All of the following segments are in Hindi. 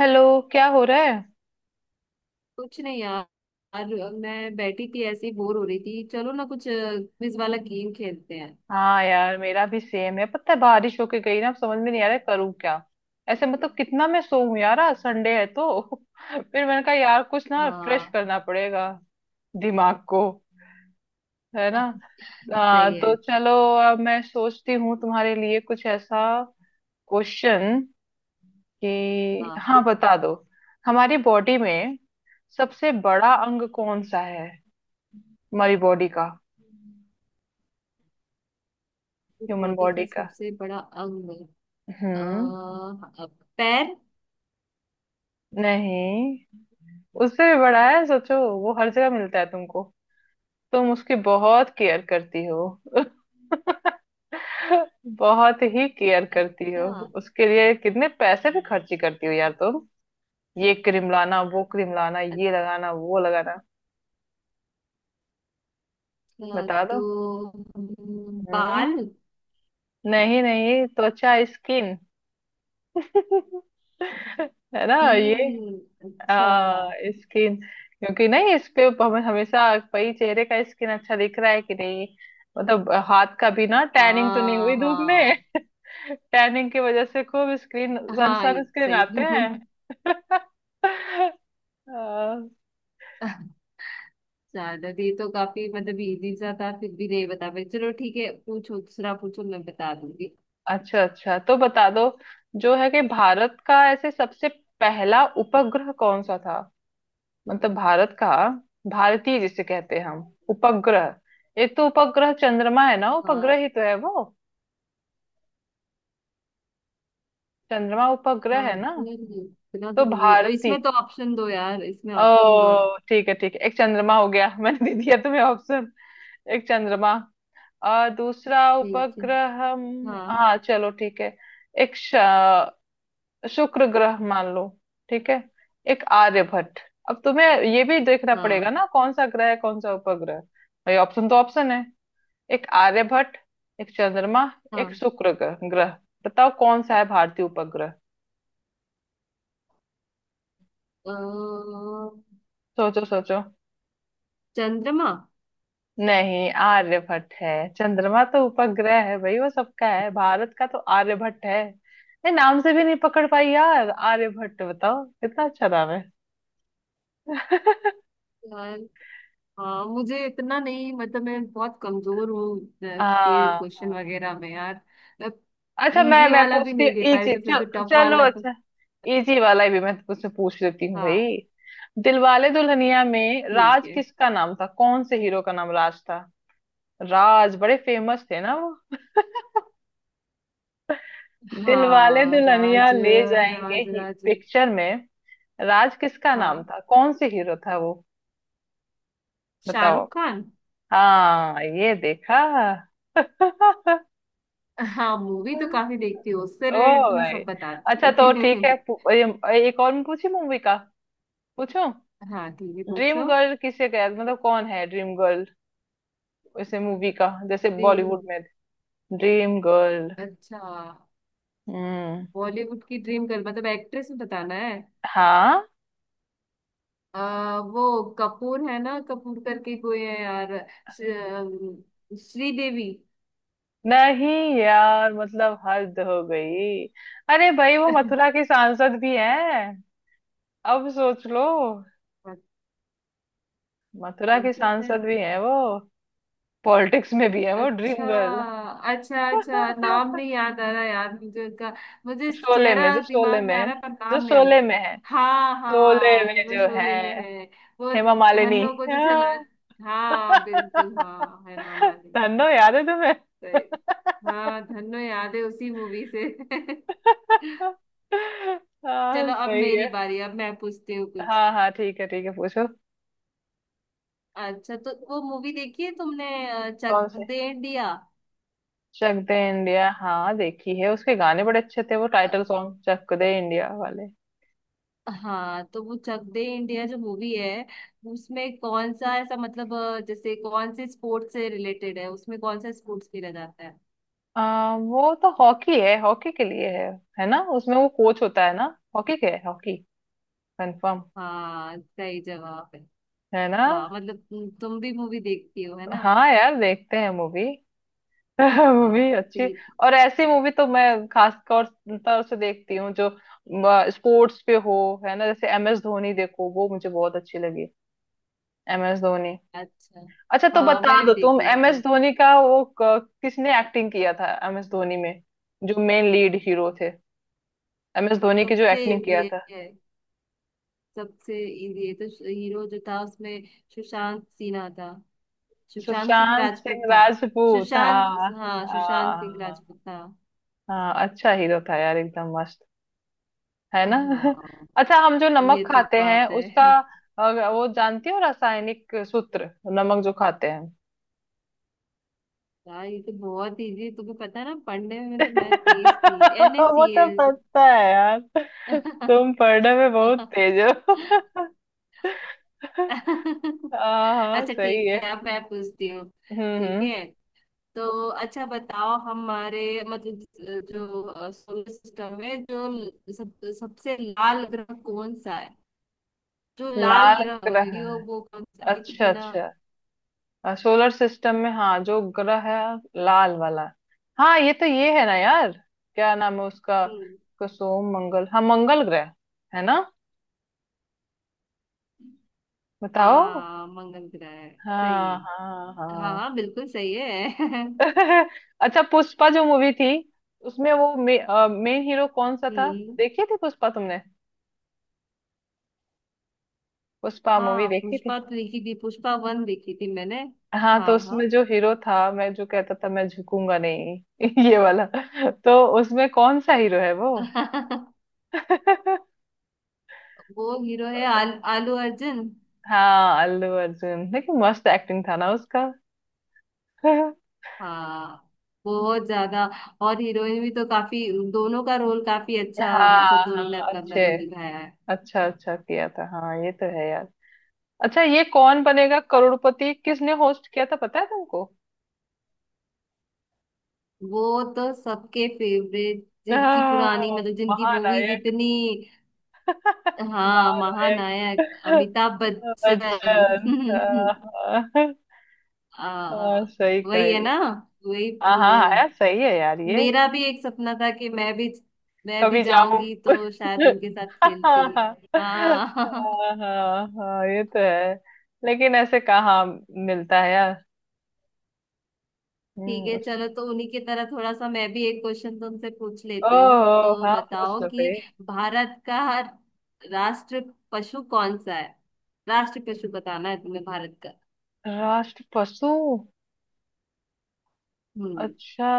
हेलो। क्या हो रहा है? कुछ नहीं यार। मैं बैठी थी ऐसे ही बोर हो रही थी, चलो ना कुछ क्विज वाला गेम खेलते हैं। हाँ यार, मेरा भी सेम है। पता है बारिश होके गई ना, अब समझ में नहीं आ रहा है करूँ क्या। ऐसे मतलब कितना मैं सोऊं यार, आज संडे है तो फिर मैंने कहा यार कुछ ना फ्रेश हाँ। करना पड़ेगा दिमाग को। है ना? हाँ सही तो है। चलो। अब मैं सोचती हूँ तुम्हारे लिए कुछ ऐसा क्वेश्चन कि, हाँ। हाँ बता दो। हमारी बॉडी में सबसे बड़ा अंग कौन सा है? हमारी बॉडी का, ह्यूमन बॉडी बॉडी का का। सबसे बड़ा अंग अ, हम्म। अ, पैर। नहीं, उससे भी बड़ा है। सोचो वो हर जगह मिलता है तुमको, तुम उसकी बहुत केयर करती हो। बहुत ही केयर करती हो। अच्छा। उसके लिए कितने पैसे भी खर्ची करती हो यार तुम। ये क्रीम लाना, वो क्रीम लाना, ये लगाना, वो लगाना। अच्छा बता तो दो। हम्म, हम्म। बाल। नहीं नहीं, त्वचा, स्किन। है ना ये? कील। अच्छा। आ, स्किन। क्योंकि नहीं, इस पे हमें हमेशा भाई चेहरे का स्किन अच्छा दिख रहा है कि नहीं, मतलब हाथ का भी ना टैनिंग तो नहीं हाँ हुई धूप में। हाँ टैनिंग की वजह से खूब स्क्रीन, सन हाँ, ये स्क्रीन सही। आते हैं। अ, ज्यादा ये तो काफी मतलब इजी सा था फिर भी नहीं बता पाई। चलो ठीक है, पूछो दूसरा पूछो, मैं बता दूंगी। अच्छा अच्छा तो बता दो। जो है कि भारत का ऐसे सबसे पहला उपग्रह कौन सा था? मतलब भारत का, भारतीय जिसे कहते हैं हम, उपग्रह। एक तो उपग्रह चंद्रमा है ना, उपग्रह हाँ। ही तो है वो। चंद्रमा उपग्रह हाँ है ना? नहीं नहीं, इतना तो तो मुझे भारती, इसमें तो ऑप्शन दो यार, इसमें ऑप्शन दो। ओ ठीक है ठीक है, एक चंद्रमा हो गया। मैंने दे दिया तुम्हें ऑप्शन। एक चंद्रमा और दूसरा ठीक है। उपग्रह, हाँ। हाँ चलो ठीक है। एक श- शुक्र ग्रह मान लो, ठीक है? एक आर्यभट्ट। अब तुम्हें ये भी देखना पड़ेगा हाँ ना कौन सा ग्रह है, कौन सा उपग्रह। भाई ऑप्शन तो ऑप्शन है। एक आर्यभट्ट, एक चंद्रमा, एक हाँ, शुक्र ग्रह ग्रह। बताओ कौन सा है भारतीय उपग्रह। अ, सोचो सोचो। चंद्रमा। नहीं, आर्यभट्ट है। चंद्रमा तो उपग्रह है भाई, वो सबका है। भारत का तो आर्यभट्ट है। ये नाम से भी नहीं पकड़ पाई यार, आर्यभट्ट, बताओ कितना अच्छा नाम है। यार हाँ, मुझे इतना नहीं मतलब मैं बहुत कमजोर हूँ ये हाँ क्वेश्चन हाँ। वगैरह में यार। अच्छा मैं इजी मैं वाला भी पूछती हूँ नहीं दे पा रही इजी तो फिर तो टफ चलो वाला तो। अच्छा, इजी वाला ही भी मैं तुझसे पूछ लेती हूँ हाँ भाई। दिलवाले दुल्हनिया में ठीक राज है। किसका नाम था, कौन से हीरो का नाम राज था? राज बड़े फेमस थे ना वो, दिलवाले हाँ दुल्हनिया राज। ले जाएंगे राज ही राज पिक्चर में। राज किसका नाम हाँ था, कौन से हीरो था वो, बताओ। शाहरुख खान। हाँ ये देखा। हाँ मूवी तो काफी देखती हूँ, उससे ओ रिलेटेड तो मैं भाई। सब अच्छा तो ठीक है बताती एक और मैं पूछी मूवी का पूछूं। हाँ ठीक है, पूछो। ड्रीम गर्ल किसे कह, मतलब कौन है ड्रीम गर्ल, इसे मूवी का जैसे ड्रीम। बॉलीवुड में। Dream girl. अच्छा। हम्म। बॉलीवुड की ड्रीम गर्ल मतलब एक्ट्रेस में बताना है। हाँ। वो कपूर है ना, कपूर करके कोई है यार। श्रीदेवी। नहीं यार, मतलब हद हो गई। अरे भाई वो मथुरा की सांसद भी है। अब सोच लो, मथुरा कौन की सा है? सांसद भी हैं वो, पॉलिटिक्स में भी है वो, अच्छा। Dream girl. अच्छा, अच्छा नाम नहीं याद आ रहा यार मुझे उनका। मुझे चेहरा शोले दिमाग में में आ है, रहा है पर जो नाम नहीं आ रहा। शोले में है, हाँ शोले हाँ, में वो जो है। शोले में है। वो हेमा मालिनी। धन्नो को जो जला। हाँ। हाँ बिल्कुल, हाँ है मामा ने। धन्नो याद है तुम्हें? सही। हाँ धन्नो याद है, उसी मूवी से हाँ चलो अब सही मेरी है। बारी, अब मैं पूछती हूँ कुछ। हाँ हाँ ठीक है ठीक है, पूछो। अच्छा, तो वो मूवी देखी है तुमने, चक कौन से? दे इंडिया। चक दे इंडिया, हाँ देखी है। उसके गाने बड़े अच्छे थे वो, title song Chak De India वाले। हाँ तो वो चक दे इंडिया जो मूवी है, उसमें कौन सा ऐसा मतलब जैसे कौन से स्पोर्ट्स से रिलेटेड है, उसमें कौन सा स्पोर्ट्स खेला जाता है? वो तो हॉकी है, हॉकी के लिए है। है ना, उसमें वो कोच होता है ना? हॉकी के है, हॉकी, कंफर्म। हाँ सही जवाब है। है ना? वाह मतलब तुम भी मूवी देखती हो है ना। हाँ यार, देखते हैं मूवी। हाँ मूवी तो अच्छी। ये। और ऐसी मूवी तो मैं खास तौर तौर से देखती हूँ जो स्पोर्ट्स पे हो। है ना? जैसे एम एस धोनी देखो, वो मुझे बहुत अच्छी लगी। M S Dhoni. अच्छा। अच्छा तो हाँ बता मैंने भी दो तुम, देखी है, एम तो एस धोनी का वो किसने एक्टिंग किया था एम एस धोनी में, जो मेन लीड हीरो थे, एम एस धोनी की जो सबसे एक्टिंग किया इजी था। है। सबसे इजी है तो हीरो जो था उसमें सुशांत सिन्हा था, सुशांत सिंह सुशांत सिंह राजपूत था। राजपूत। सुशांत। हाँ हाँ सुशांत सिंह हाँ राजपूत था। हाँ, अच्छा हीरो था यार एकदम मस्त। है ना? हाँ अच्छा, हम जो नमक ये तो खाते हैं बात उसका है। वो जानती हो रासायनिक सूत्र, नमक जो खाते हैं? यार ये तो बहुत इजी, तुम्हें पता है ना पढ़ने में तो मैं तेज थी, एन ए वो सी तो एल पता है यार। तुम पढ़ने में बहुत तेज हो। हाँ हाँ अच्छा सही ठीक है। है, अब मैं पूछती हूँ। ठीक हम्म। है, तो अच्छा बताओ हमारे मतलब जो सोलर सिस्टम है, जो सब सबसे लाल ग्रह कौन सा है? जो लाल लाल ग्रह ग्रह, है यो वो कौन सा है? ये तो अच्छा बिना। अच्छा, सोलर सिस्टम में हाँ जो ग्रह है लाल वाला, हाँ ये तो ये है ना यार, क्या नाम है उसका, हम्म, को सोम मंगल, हाँ मंगल ग्रह। है ना? बताओ। हाँ मंगल ग्रह है। सही हाँ हाँ है। हाँ हाँ। हाँ बिल्कुल सही है। अच्छा, पुष्पा जो मूवी थी, उसमें वो मेन हीरो कौन सा था? हम्म। देखी थी पुष्पा तुमने? पुष्पा मूवी हाँ देखी पुष्पा थी? तो देखी थी, पुष्पा वन देखी थी मैंने। हाँ, हाँ तो हाँ। उसमें जो हीरो था, मैं जो कहता था, मैं झुकूंगा नहीं ये वाला, तो उसमें कौन सा हीरो है वो? वो हीरो है आलू अर्जुन। हाँ अल्लू अर्जुन, लेकिन मस्त एक्टिंग था ना उसका। हाँ हाँ। बहुत ज्यादा। और हीरोइन भी तो काफी। दोनों का रोल काफी अच्छा, मतलब हाँ, दोनों ने अपना अपना अच्छे रोल निभाया है। अच्छा अच्छा किया था, हाँ ये तो है यार। अच्छा, ये कौन बनेगा करोड़पति किसने होस्ट किया था, पता है तुमको? वो तो सबके फेवरेट, जिनकी हाँ, पुरानी मतलब जिनकी मूवीज महानायक। इतनी। हाँ महानायक। महानायक अमिताभ अच्छा बच्चन। अच्छा। हाँ, हाँ, आ, सही वही कह है रही ना। हो। वही। हाँ हाँ हाँ, यार सही है यार ये। मेरा भी एक सपना था कि मैं भी, मैं भी कभी जाऊं, जाऊंगी तो शायद उनके साथ हाँ खेलती। हाँ। हाँ हाँ हाँ, ये तो है। लेकिन ऐसे कहाँ मिलता है यार। ठीक हम्म है, उस- चलो तो उन्हीं की तरह थोड़ा सा मैं भी एक क्वेश्चन तुमसे पूछ ओ लेती हूँ, तो हाँ, पूछ बताओ लो कि भाई। भारत का राष्ट्र पशु कौन सा है? राष्ट्र पशु बताना है तुम्हें, भारत का। राष्ट्र पशु, हम्म। अच्छा,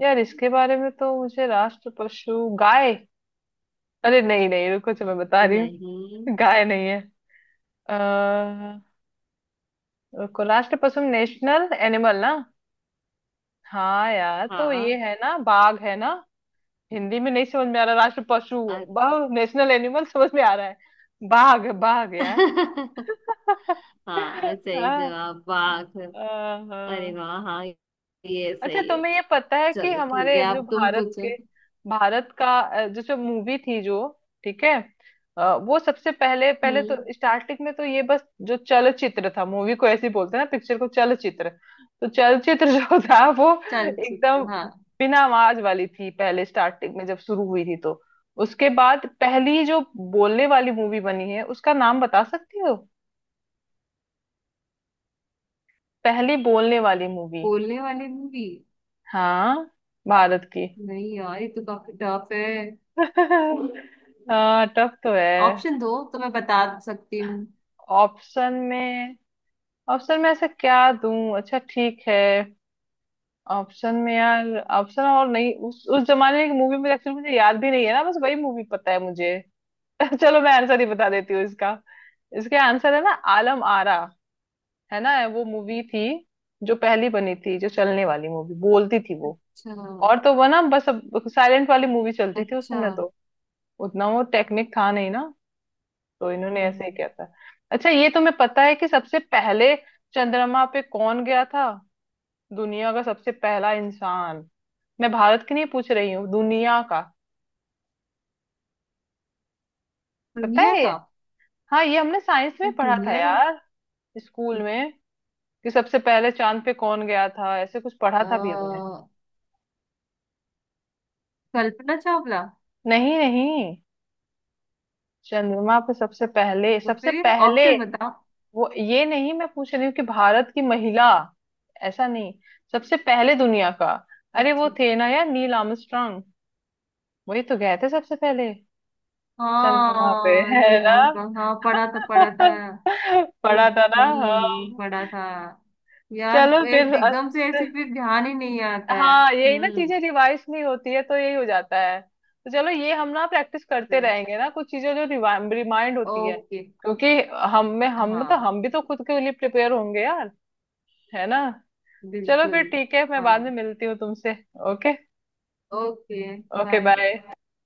यार इसके बारे में तो मुझे, राष्ट्र पशु गाय, अरे नहीं नहीं रुको, चलो मैं बता रही हूँ। नहीं। गाय नहीं है। अ, रुको, राष्ट्र पशु नेशनल एनिमल ना? हाँ यार तो ये हाँ। है ना, बाघ है ना? हिंदी में नहीं समझ में आ रहा राष्ट्र पशु, अ- बहु नेशनल एनिमल समझ में आ रहा है। बाघ बाघ यार। हाँ सही हाँ जवाब, वाह। हाँ अरे हाँ। वाह हाँ ये अच्छा सही है। तुम्हें ये पता है कि चलो ठीक हमारे है, जो अब तुम भारत पूछो। के, भारत का, जैसे मूवी थी जो, ठीक है, वो सबसे पहले पहले तो हम्म। स्टार्टिंग में तो ये बस जो चलचित्र था, मूवी को ऐसे ही बोलते हैं ना, पिक्चर को चलचित्र। तो चलचित्र जो था वो चल चुप एकदम हाँ। बिना आवाज वाली थी पहले, स्टार्टिंग में जब शुरू हुई थी तो, उसके बाद पहली जो बोलने वाली मूवी बनी है उसका नाम बता सकती हो? पहली बोलने वाली मूवी, बोलने वाली मूवी। हाँ, भारत की। नहीं यार ये तो काफी टफ है। हाँ टफ तो है। ऑप्शन दो तो मैं बता सकती हूँ। ऑप्शन में, ऑप्शन में ऐसा क्या दूं, अच्छा ठीक है, ऑप्शन में यार, ऑप्शन और नहीं, उस जमाने की मूवी में, एक्चुअली मुझे याद भी नहीं है ना, बस वही मूवी पता है मुझे। चलो मैं आंसर ही बता देती हूँ इसका, इसके आंसर है ना आलम आरा, है ना? वो मूवी थी जो पहली बनी थी, जो चलने वाली मूवी बोलती थी वो। अच्छा। और तो वो ना, बस साइलेंट वाली मूवी चलती थी उस अच्छा। समय, हाँ। तो उतना वो टेक्निक था नहीं ना, तो इन्होंने ऐसे हाँ। ही किया था। अच्छा, ये तुम्हें पता है कि सबसे पहले चंद्रमा पे कौन गया था, दुनिया का सबसे पहला इंसान? मैं भारत की नहीं पूछ रही हूँ, दुनिया का। पता दुनिया है ये? का। हाँ ये हमने साइंस में ये पढ़ा था दुनिया का यार, स्कूल में, कि सबसे पहले चांद पे कौन गया था, ऐसे कुछ पढ़ा था भी हमने। अ, कल्पना चावला। नहीं नहीं, चंद्रमा पे सबसे पहले तो सबसे फिर पहले ऑप्शन बताओ। वो ये नहीं मैं पूछ रही हूँ कि भारत की महिला, ऐसा नहीं, सबसे पहले दुनिया का, अरे वो अच्छा। थे ना यार नील आर्मस्ट्रांग, वही तो गए थे सबसे पहले चंद्रमा पे। हाँ है ना? नीलम का, हाँ पढ़ा था पढ़ा था। ओ, पढ़ा था ना हाँ। पढ़ा था। यार चलो ए- फिर एकदम से अच्छे। ऐसे फिर ध्यान ही नहीं आता है। हाँ यही ना, हम्म। चीजें रिवाइज नहीं होती है तो यही हो जाता है, तो चलो ये हम ना प्रैक्टिस करते रहेंगे ना, कुछ चीजें जो रिमाइंड होती है। ओके। क्योंकि हम हाँ मतलब हम भी तो खुद के लिए प्रिपेयर होंगे यार। है ना? चलो फिर बिल्कुल। ठीक है, मैं बाद हाँ। में मिलती हूँ तुमसे। Okay. Okay. Okay bye. Bye.